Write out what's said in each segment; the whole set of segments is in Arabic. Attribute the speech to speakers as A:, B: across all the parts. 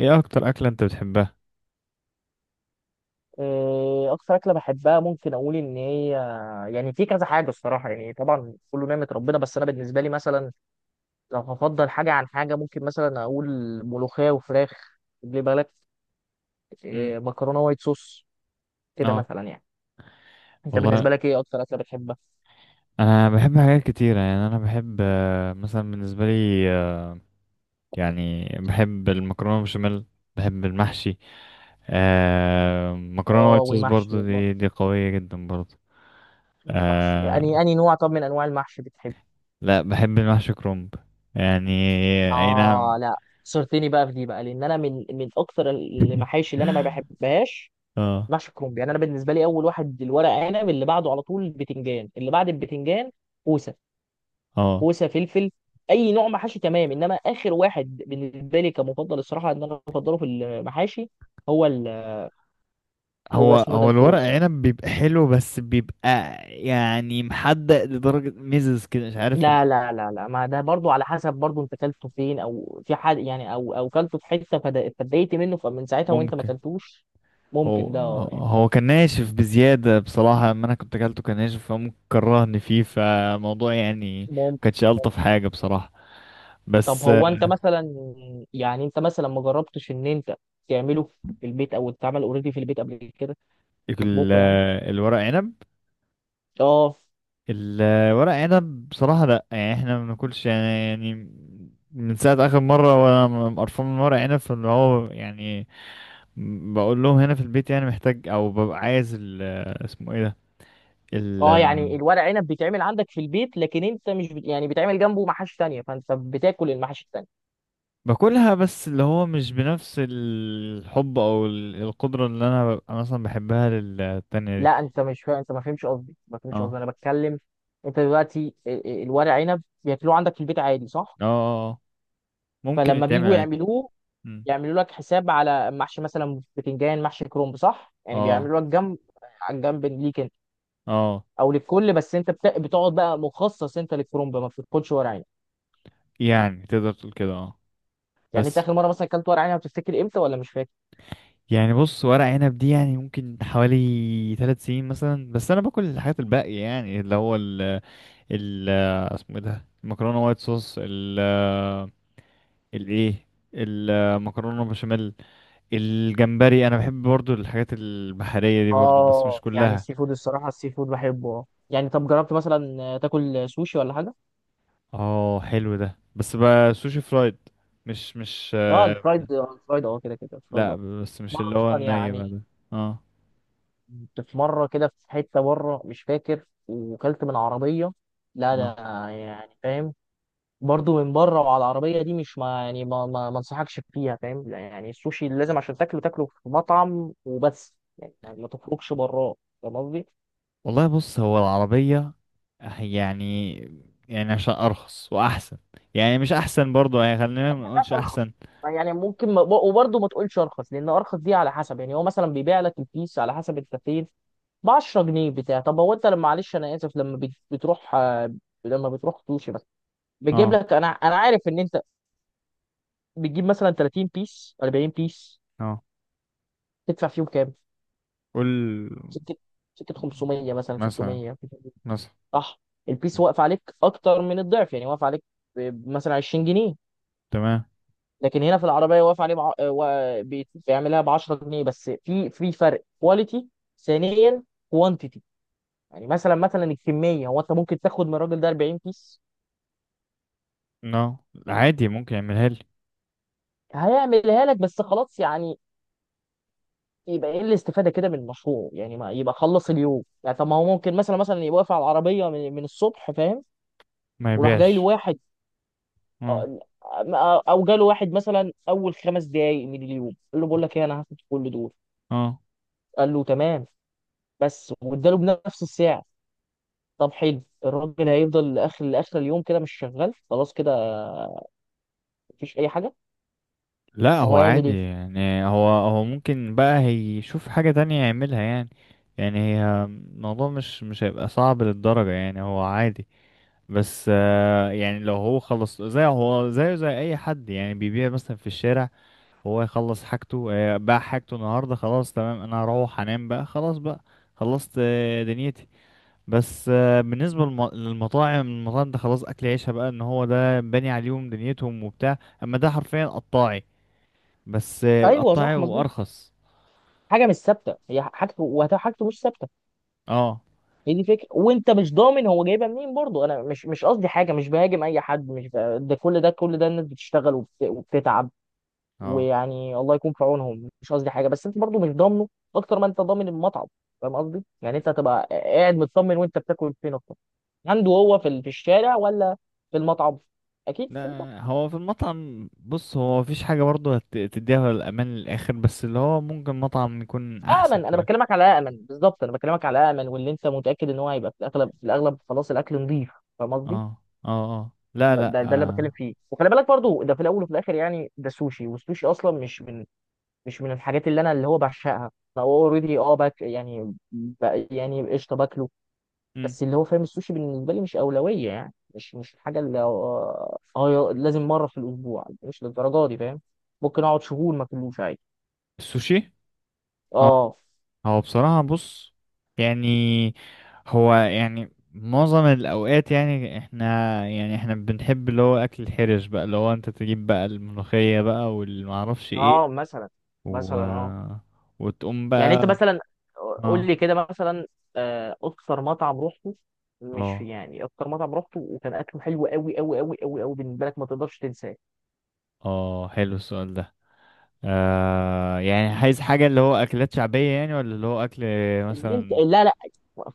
A: ايه اكتر اكلة انت بتحبها؟
B: إيه، اكتر اكله بحبها ممكن اقول ان هي يعني في كذا حاجه الصراحه، يعني طبعا كله نعمه ربنا، بس انا بالنسبه لي مثلا لو هفضل حاجه عن حاجه ممكن مثلا اقول ملوخيه وفراخ. خلي بالك.
A: امم.
B: إيه، مكرونه وايت صوص. كده
A: اه.
B: مثلا يعني. انت بالنسبه
A: والله.
B: لك ايه اكتر اكله بتحبها؟
A: انا بحب حاجات كتيرة، يعني انا بحب، مثلا بالنسبة لي، يعني بحب المكرونة بشاميل. بحب المحشي. مكرونة
B: اه
A: وايت صوص
B: والمحشي
A: برضو،
B: والله.
A: دي قوية جدا برضو.
B: المحشي،
A: آه
B: يعني اني نوع طب من انواع المحشي بتحب؟
A: لا، بحب المحشي كرنب، يعني. اي
B: اه،
A: نعم.
B: لا. صرتني بقى في دي بقى لان انا من اكتر المحاشي اللي انا ما بحبهاش.
A: اه،
B: محشي كرنب. يعني انا بالنسبه لي اول واحد الورق عنب، اللي بعده على طول البتنجان، اللي بعد البتنجان كوسه.
A: اه.
B: كوسه فلفل. اي نوع محاشي تمام، انما اخر واحد بالنسبه لي كمفضل الصراحه ان انا بفضله في المحاشي هو ال... هو
A: هو
B: اسمه ده
A: هو الورق
B: الكروب.
A: عنب بيبقى حلو، بس بيبقى يعني محدق لدرجة ميزز كده، مش عارف.
B: لا، لا، لا، لا، ما ده برضو على حسب، برضو انت كلته فين؟ او في حد يعني او كلته في حته فاتضايقت منه، فمن ساعتها وانت ما
A: ممكن.
B: كلتوش.
A: هو
B: ممكن ده يعني.
A: هو كان ناشف بزيادة بصراحة، اما انا كنت اكلته كان ناشف، فممكن كرهني فيه، فموضوع يعني ما
B: ممكن.
A: كانش الطف حاجة بصراحة.
B: طب
A: بس،
B: هو انت مثلا، يعني انت مثلا ما جربتش ان انت تعمله في البيت، او اتعمل اوريدي في البيت قبل كده؟
A: ال-
B: تطبخه يعني.
A: آه، الورق عنب
B: اه،
A: الورق عنب بصراحة لا، يعني احنا ما بناكلش يعني، من ساعة آخر مرة وأنا قرفان من ورق عنب، فاللي هو يعني بقول لهم هنا في البيت يعني محتاج، أو ببقى عايز اسمه ايه ده.
B: اه، يعني الورق عنب بيتعمل عندك في البيت، لكن انت مش بت... يعني بيتعمل جنبه محاشي تانية، فانت بتاكل المحاشي التانية؟
A: باكلها، بس اللي هو مش بنفس الحب او القدرة اللي انا ببقى مثلا بحبها للتانية دي.
B: لا، انت مش فا... انت ما فهمش قصدي، ما
A: اه،
B: فهمش
A: اه،
B: قصدي. انا بتكلم. انت دلوقتي الورق عنب بياكلوه عندك في البيت عادي صح؟
A: اه. آه. ممكن
B: فلما
A: يتعمل
B: بيجوا
A: عادي.
B: يعملوه
A: مم.
B: يعملوا لك حساب على محشي مثلا بتنجان، محشي كرنب صح؟ يعني
A: اه،
B: بيعملوا لك جنب على الجنب ليك انت.
A: اه،
B: او للكل، بس انت بتقعد بقى مخصص انت للكرنب، ما بتاكلش ورق عنب؟
A: يعني تقدر تقول كده، اه.
B: يعني انت
A: بس
B: اخر مره مثلا اكلت ورق عنب بتفتكر امتى؟ ولا مش فاكر؟
A: يعني بص، ورق عنب دي يعني ممكن حوالي 3 سنين مثلا، بس انا باكل الحاجات الباقية يعني اللي هو ال اسمه ايه ده، المكرونة وايت صوص، الايه، المكرونة بشاميل. الجمبري، انا بحب برضو الحاجات البحرية دي برضو، بس مش
B: اه، يعني
A: كلها.
B: السي فود، الصراحه السي فود بحبه اه. يعني طب جربت مثلا تاكل سوشي ولا حاجه؟
A: اه، حلو ده، بس بقى سوشي فرايد، مش
B: اه الفرايد، الفرايد اه، كده كده الفرايد
A: لا،
B: اه.
A: بس مش
B: مره
A: اللي هو
B: اصلا
A: الني بقى
B: يعني،
A: ده. اه،
B: كنت في مره كده في حته بره مش فاكر وكلت من عربيه. لا،
A: اه،
B: لا، يعني فاهم. برضه من بره وعلى العربيه دي مش، ما يعني، ما انصحكش فيها، فاهم لا، يعني السوشي لازم عشان تاكله في مطعم وبس، يعني ما تخرجش براه. فاهم قصدي؟
A: والله، بص، هو العربية، يعني، يعني عشان ارخص واحسن، يعني مش احسن برضو، يعني خلينا ما نقولش
B: بس ارخص.
A: احسن.
B: يعني ممكن ما، وبرضه ما تقولش ارخص لان ارخص دي على حسب، يعني هو مثلا بيبيع لك البيس على حسب انت فين. ب 10 جنيه بتاع. طب هو انت لما، معلش انا اسف، لما بتروح لما بتروح سوشي بس بيجيب
A: اه،
B: لك، انا عارف ان انت بتجيب مثلا 30 بيس، 40 بيس،
A: اه.
B: تدفع فيهم كام؟
A: قول.
B: سكه سكه 500 مثلا
A: مثلا،
B: 600؟
A: مثلا.
B: صح.
A: م.
B: البيس واقف عليك اكتر من الضعف، يعني واقف عليك مثلا 20 جنيه.
A: تمام.
B: لكن هنا في العربيه واقف عليه بيعملها ب 10 جنيه، بس في فرق كواليتي. ثانيا كوانتيتي. يعني مثلا، الكميه، هو انت ممكن تاخد من الراجل ده 40 بيس.
A: نو، عادي، ممكن يعملها لي.
B: هيعملها لك بس خلاص يعني. يبقى ايه الاستفاده كده من المشروع؟ يعني ما يبقى خلص اليوم يعني. طب ما هو ممكن مثلا يبقى واقف على العربيه من الصبح فاهم.
A: ما
B: وراح جاي له
A: يبيعش.
B: واحد،
A: اه،
B: او جاله واحد مثلا اول 5 دقايق من اليوم، قال له بقول لك ايه، انا هاخد كل دول.
A: اه.
B: قال له تمام. بس واداله بنفس السعر. طب حلو، الراجل هيفضل لاخر اليوم كده مش شغال خلاص كده. مفيش اي حاجه.
A: لا
B: فهو
A: هو
B: هيعمل
A: عادي
B: ايه؟
A: يعني، هو ممكن بقى هيشوف حاجة تانية يعملها يعني. يعني هي الموضوع مش هيبقى صعب للدرجة، يعني هو عادي. بس، يعني لو هو خلص، زي هو زيه زي أي حد يعني بيبيع مثلا في الشارع، هو يخلص حاجته، باع حاجته النهاردة، خلاص، تمام، أنا هروح أنام بقى، خلاص بقى، خلصت دنيتي. بس، بالنسبة للمطاعم، المطاعم ده خلاص أكل عيشها بقى، إن هو ده باني عليهم دنيتهم وبتاع، أما ده حرفيا قطاعي. بس
B: ايوه
A: قطعي
B: صح مظبوط.
A: وارخص.
B: حاجه مش ثابته، هي حاجته وحاجته مش ثابته.
A: اه،
B: هي دي فكره، وانت مش ضامن هو جايبها منين برضه. انا مش قصدي حاجه، مش بهاجم اي حد، مش ب... ده كل ده كل ده الناس بتشتغل وبتتعب.
A: اه.
B: ويعني الله يكون في عونهم، مش قصدي حاجه، بس انت برضو مش ضامنه اكتر ما انت ضامن المطعم. فاهم قصدي؟ يعني انت هتبقى قاعد مطمن وانت بتاكل فين اكتر؟ عنده هو في في الشارع؟ ولا في المطعم؟ اكيد في المطعم.
A: لا هو في المطعم، بص هو مفيش حاجه برضه تديها الامان للاخر، بس اللي هو ممكن مطعم يكون احسن
B: امن، انا
A: شويه.
B: بكلمك على امن بالظبط، انا بكلمك على امن، واللي انت متاكد ان هو هيبقى في الاغلب، في الاغلب خلاص الاكل نظيف. فاهم قصدي؟
A: اه، اه، اه، لا،
B: ده
A: لا.
B: ده ده اللي
A: آه.
B: بتكلم فيه، وخلي بالك برضو ده في الاول وفي الاخر، يعني ده سوشي، والسوشي اصلا مش من الحاجات اللي انا اللي هو بعشقها. فهو اوريدي اه باك، يعني يعني قشطه باكله.
A: مم.
B: بس اللي هو فاهم السوشي بالنسبه لي مش اولويه، يعني مش الحاجه اللي لازم مره في الاسبوع، مش للدرجه دي فاهم. ممكن اقعد شهور ما اكلوش عادي.
A: السوشي. اه،
B: اه،
A: هو بصراحه، بص يعني هو يعني معظم الاوقات يعني احنا يعني احنا بنحب اللي هو اكل الحرش بقى، اللي هو انت تجيب بقى الملوخيه بقى والمعرفش ايه
B: اه. مثلا
A: و...
B: مثلا اه،
A: وتقوم
B: يعني انت
A: بقى.
B: مثلا قول
A: اه،
B: لي كده مثلا اكتر مطعم روحته. مش
A: اه،
B: يعني اكتر مطعم روحته وكان اكله حلو قوي قوي قوي قوي قوي بالنسبه لك، ما تقدرش تنساه.
A: اه، حلو السؤال ده. يعني عايز حاجة اللي هو أكلات شعبية يعني، ولا اللي هو أكل
B: اللي انت،
A: مثلا؟
B: لا، لا،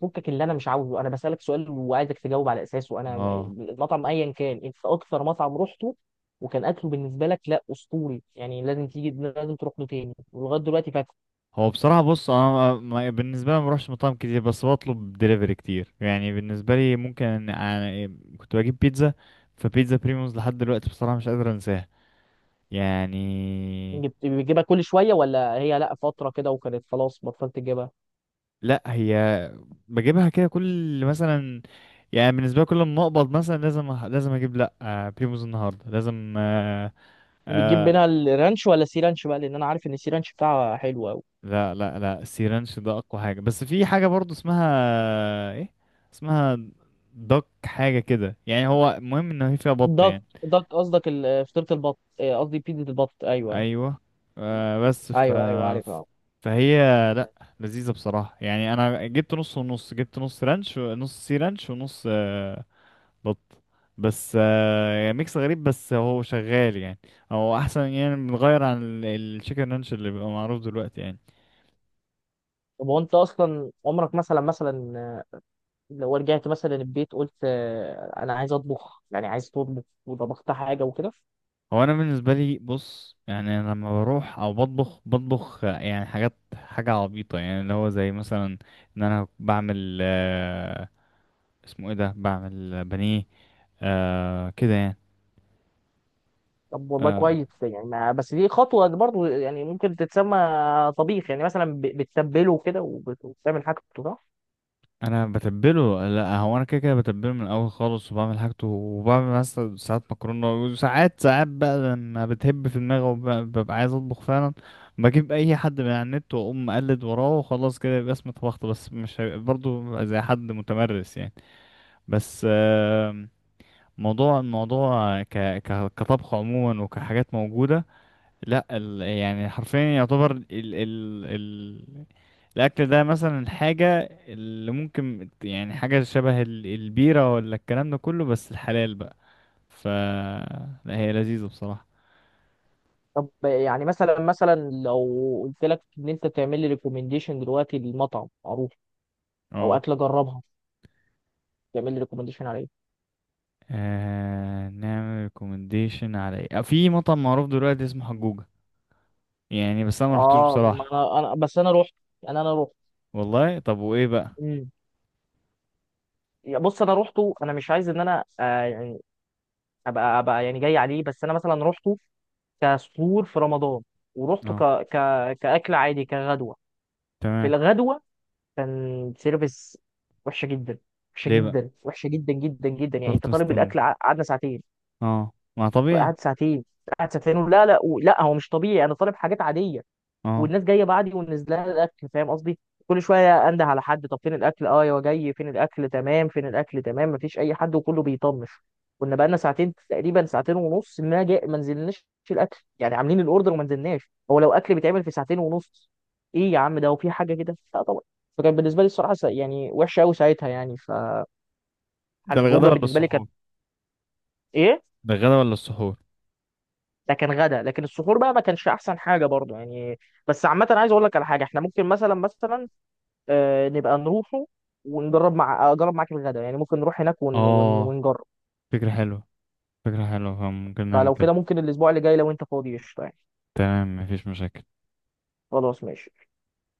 B: فكك اللي انا مش عاوزه. انا بسألك سؤال وعايزك تجاوب على اساسه. انا
A: اه،
B: المطعم ايا كان انت اكثر مطعم رحته وكان اكله بالنسبه لك لا اسطوري، يعني لازم تيجي، لازم تروح له تاني ولغايه دلوقتي فاتح.
A: هو بصراحة، بص، أنا بالنسبة لي ما بروحش مطاعم كتير، بس بطلب دليفري كتير، يعني بالنسبة لي ممكن أنا كنت بجيب بيتزا، فبيتزا بريموز لحد دلوقتي بصراحة مش قادر أنساها يعني.
B: بتجيبها كل شويه؟ ولا هي لا فتره كده وكانت خلاص بطلت تجيبها؟
A: لا هي بجيبها كده كل، مثلا، يعني بالنسبة لي كل ما أقبض مثلا لازم لازم أجيب، لا، بريموز النهاردة، لازم،
B: بتجيب
A: آه،
B: منها الرانش ولا سي رانش بقى؟ لان انا عارف ان السي رانش بتاعها حلو قوي.
A: لا، لا، لا، السيرانش ده اقوى حاجه، بس في حاجه برضو اسمها ايه، اسمها دك، حاجه كده يعني، هو المهم ان هي فيها بط
B: دك
A: يعني.
B: دك قصدك فطيره البط، اه، قصدي بيتزا البط، ايوه ايوه.
A: ايوه، بس، ف
B: ايوه ايوه عارفها.
A: فهي لا، لذيذه بصراحه، يعني انا جبت نص ونص، جبت نص رانش، نص سي رانش، ونص بط. بس، يعني ميكس غريب، بس هو شغال يعني، هو احسن، يعني بنغير عن الشيكن رانش اللي بيبقى معروف دلوقتي يعني.
B: طب هو انت اصلا عمرك مثلا لو رجعت مثلا البيت قلت انا عايز اطبخ؟ يعني عايز تطبخ وطبخت حاجه وكده؟
A: هو انا بالنسبه لي، بص يعني انا لما بروح او بطبخ، يعني حاجات، حاجه عبيطه يعني اللي هو زي مثلا، ان انا بعمل، اسمه ايه ده، بعمل بانيه كده يعني.
B: طب والله
A: آه
B: كويس، يعني ما بس دي خطوه برضو، يعني ممكن تتسمى طبيخ. يعني مثلا بتتبله كده، وبتعمل حاجته صح.
A: انا بتبله، لا هو انا كده كده بتبله من الاول خالص، وبعمل حاجته، وبعمل مثلا ساعات مكرونه، وساعات ساعات بقى لما بتهب في دماغي وببقى عايز اطبخ فعلا، بجيب اي حد من على النت واقوم اقلد وراه، وخلاص كده يبقى اسمي طبخت، بس مش هيبقى برضه زي حد متمرس يعني. بس، موضوع الموضوع كطبخ عموما، وكحاجات موجودة، لا يعني حرفيا يعتبر الأكل ده مثلا حاجة اللي ممكن يعني، حاجة شبه البيرة ولا الكلام ده كله، بس الحلال بقى. ف لا، هي لذيذة بصراحة.
B: طب يعني مثلا لو قلت لك ان انت تعمل لي ريكومنديشن دلوقتي لمطعم معروف، او
A: اه،
B: اكله جربها تعمل لي ريكومنديشن عليه.
A: نعمل ريكومنديشن على ايه؟ في مطعم معروف دلوقتي اسمه حجوجة، يعني بس انا ما رحتوش
B: اه، ما
A: بصراحة.
B: انا بس انا رحت. انا رحت.
A: والله، طب وايه بقى؟
B: امم بص انا روحته. انا مش عايز ان انا يعني ابقى يعني جاي عليه، بس انا مثلا رحته كسحور في رمضان. ورحته
A: اه،
B: ك... كأكل عادي، كغدوة. في
A: تمام.
B: الغدوة كان سيرفيس وحشة جدا. وحشة
A: ليه بقى؟
B: جدا، وحشة جدا جدا جدا، يعني انت
A: فضلت
B: طالب
A: مستني.
B: الأكل قعدنا ساعتين.
A: اه، ما طبيعي.
B: قعد ساعتين. قعد ساعتين لا، لا، لا هو مش طبيعي، انا طالب حاجات عادية
A: اه،
B: والناس جايه بعدي ونزلها الاكل، فاهم قصدي. كل شويه انده على حد، طب فين الاكل، اه يا جاي فين الاكل تمام، فين الاكل تمام، مفيش اي حد وكله بيطنش. كنا بقالنا ساعتين تقريبا، ساعتين ونص، ما جاء، ما نزلناش الاكل. يعني عاملين الاوردر وما نزلناش. هو لو اكل بيتعمل في ساعتين ونص؟ ايه يا عم، ده وفي حاجه كده؟ لا طبعا. فكان بالنسبه لي الصراحه يعني وحشه قوي ساعتها يعني.
A: ده الغدا
B: فحجوجه
A: ولا
B: بالنسبه لي كانت
A: السحور؟
B: ايه.
A: ده الغدا ولا السحور؟
B: ده كان غدا، لكن السحور بقى ما كانش احسن حاجه برضه يعني. بس عامه عايز اقول لك على حاجه، احنا ممكن مثلا نبقى نروحه ونجرب، مع اجرب معاك الغدا، يعني ممكن نروح هناك
A: اه،
B: ونجرب.
A: فكرة حلوة، فكرة حلوة، فممكن نعمل
B: فلو
A: كده.
B: كده ممكن الاسبوع اللي جاي لو انت فاضي قشطه يعني.
A: تمام، مفيش مشاكل.
B: خلاص ماشي.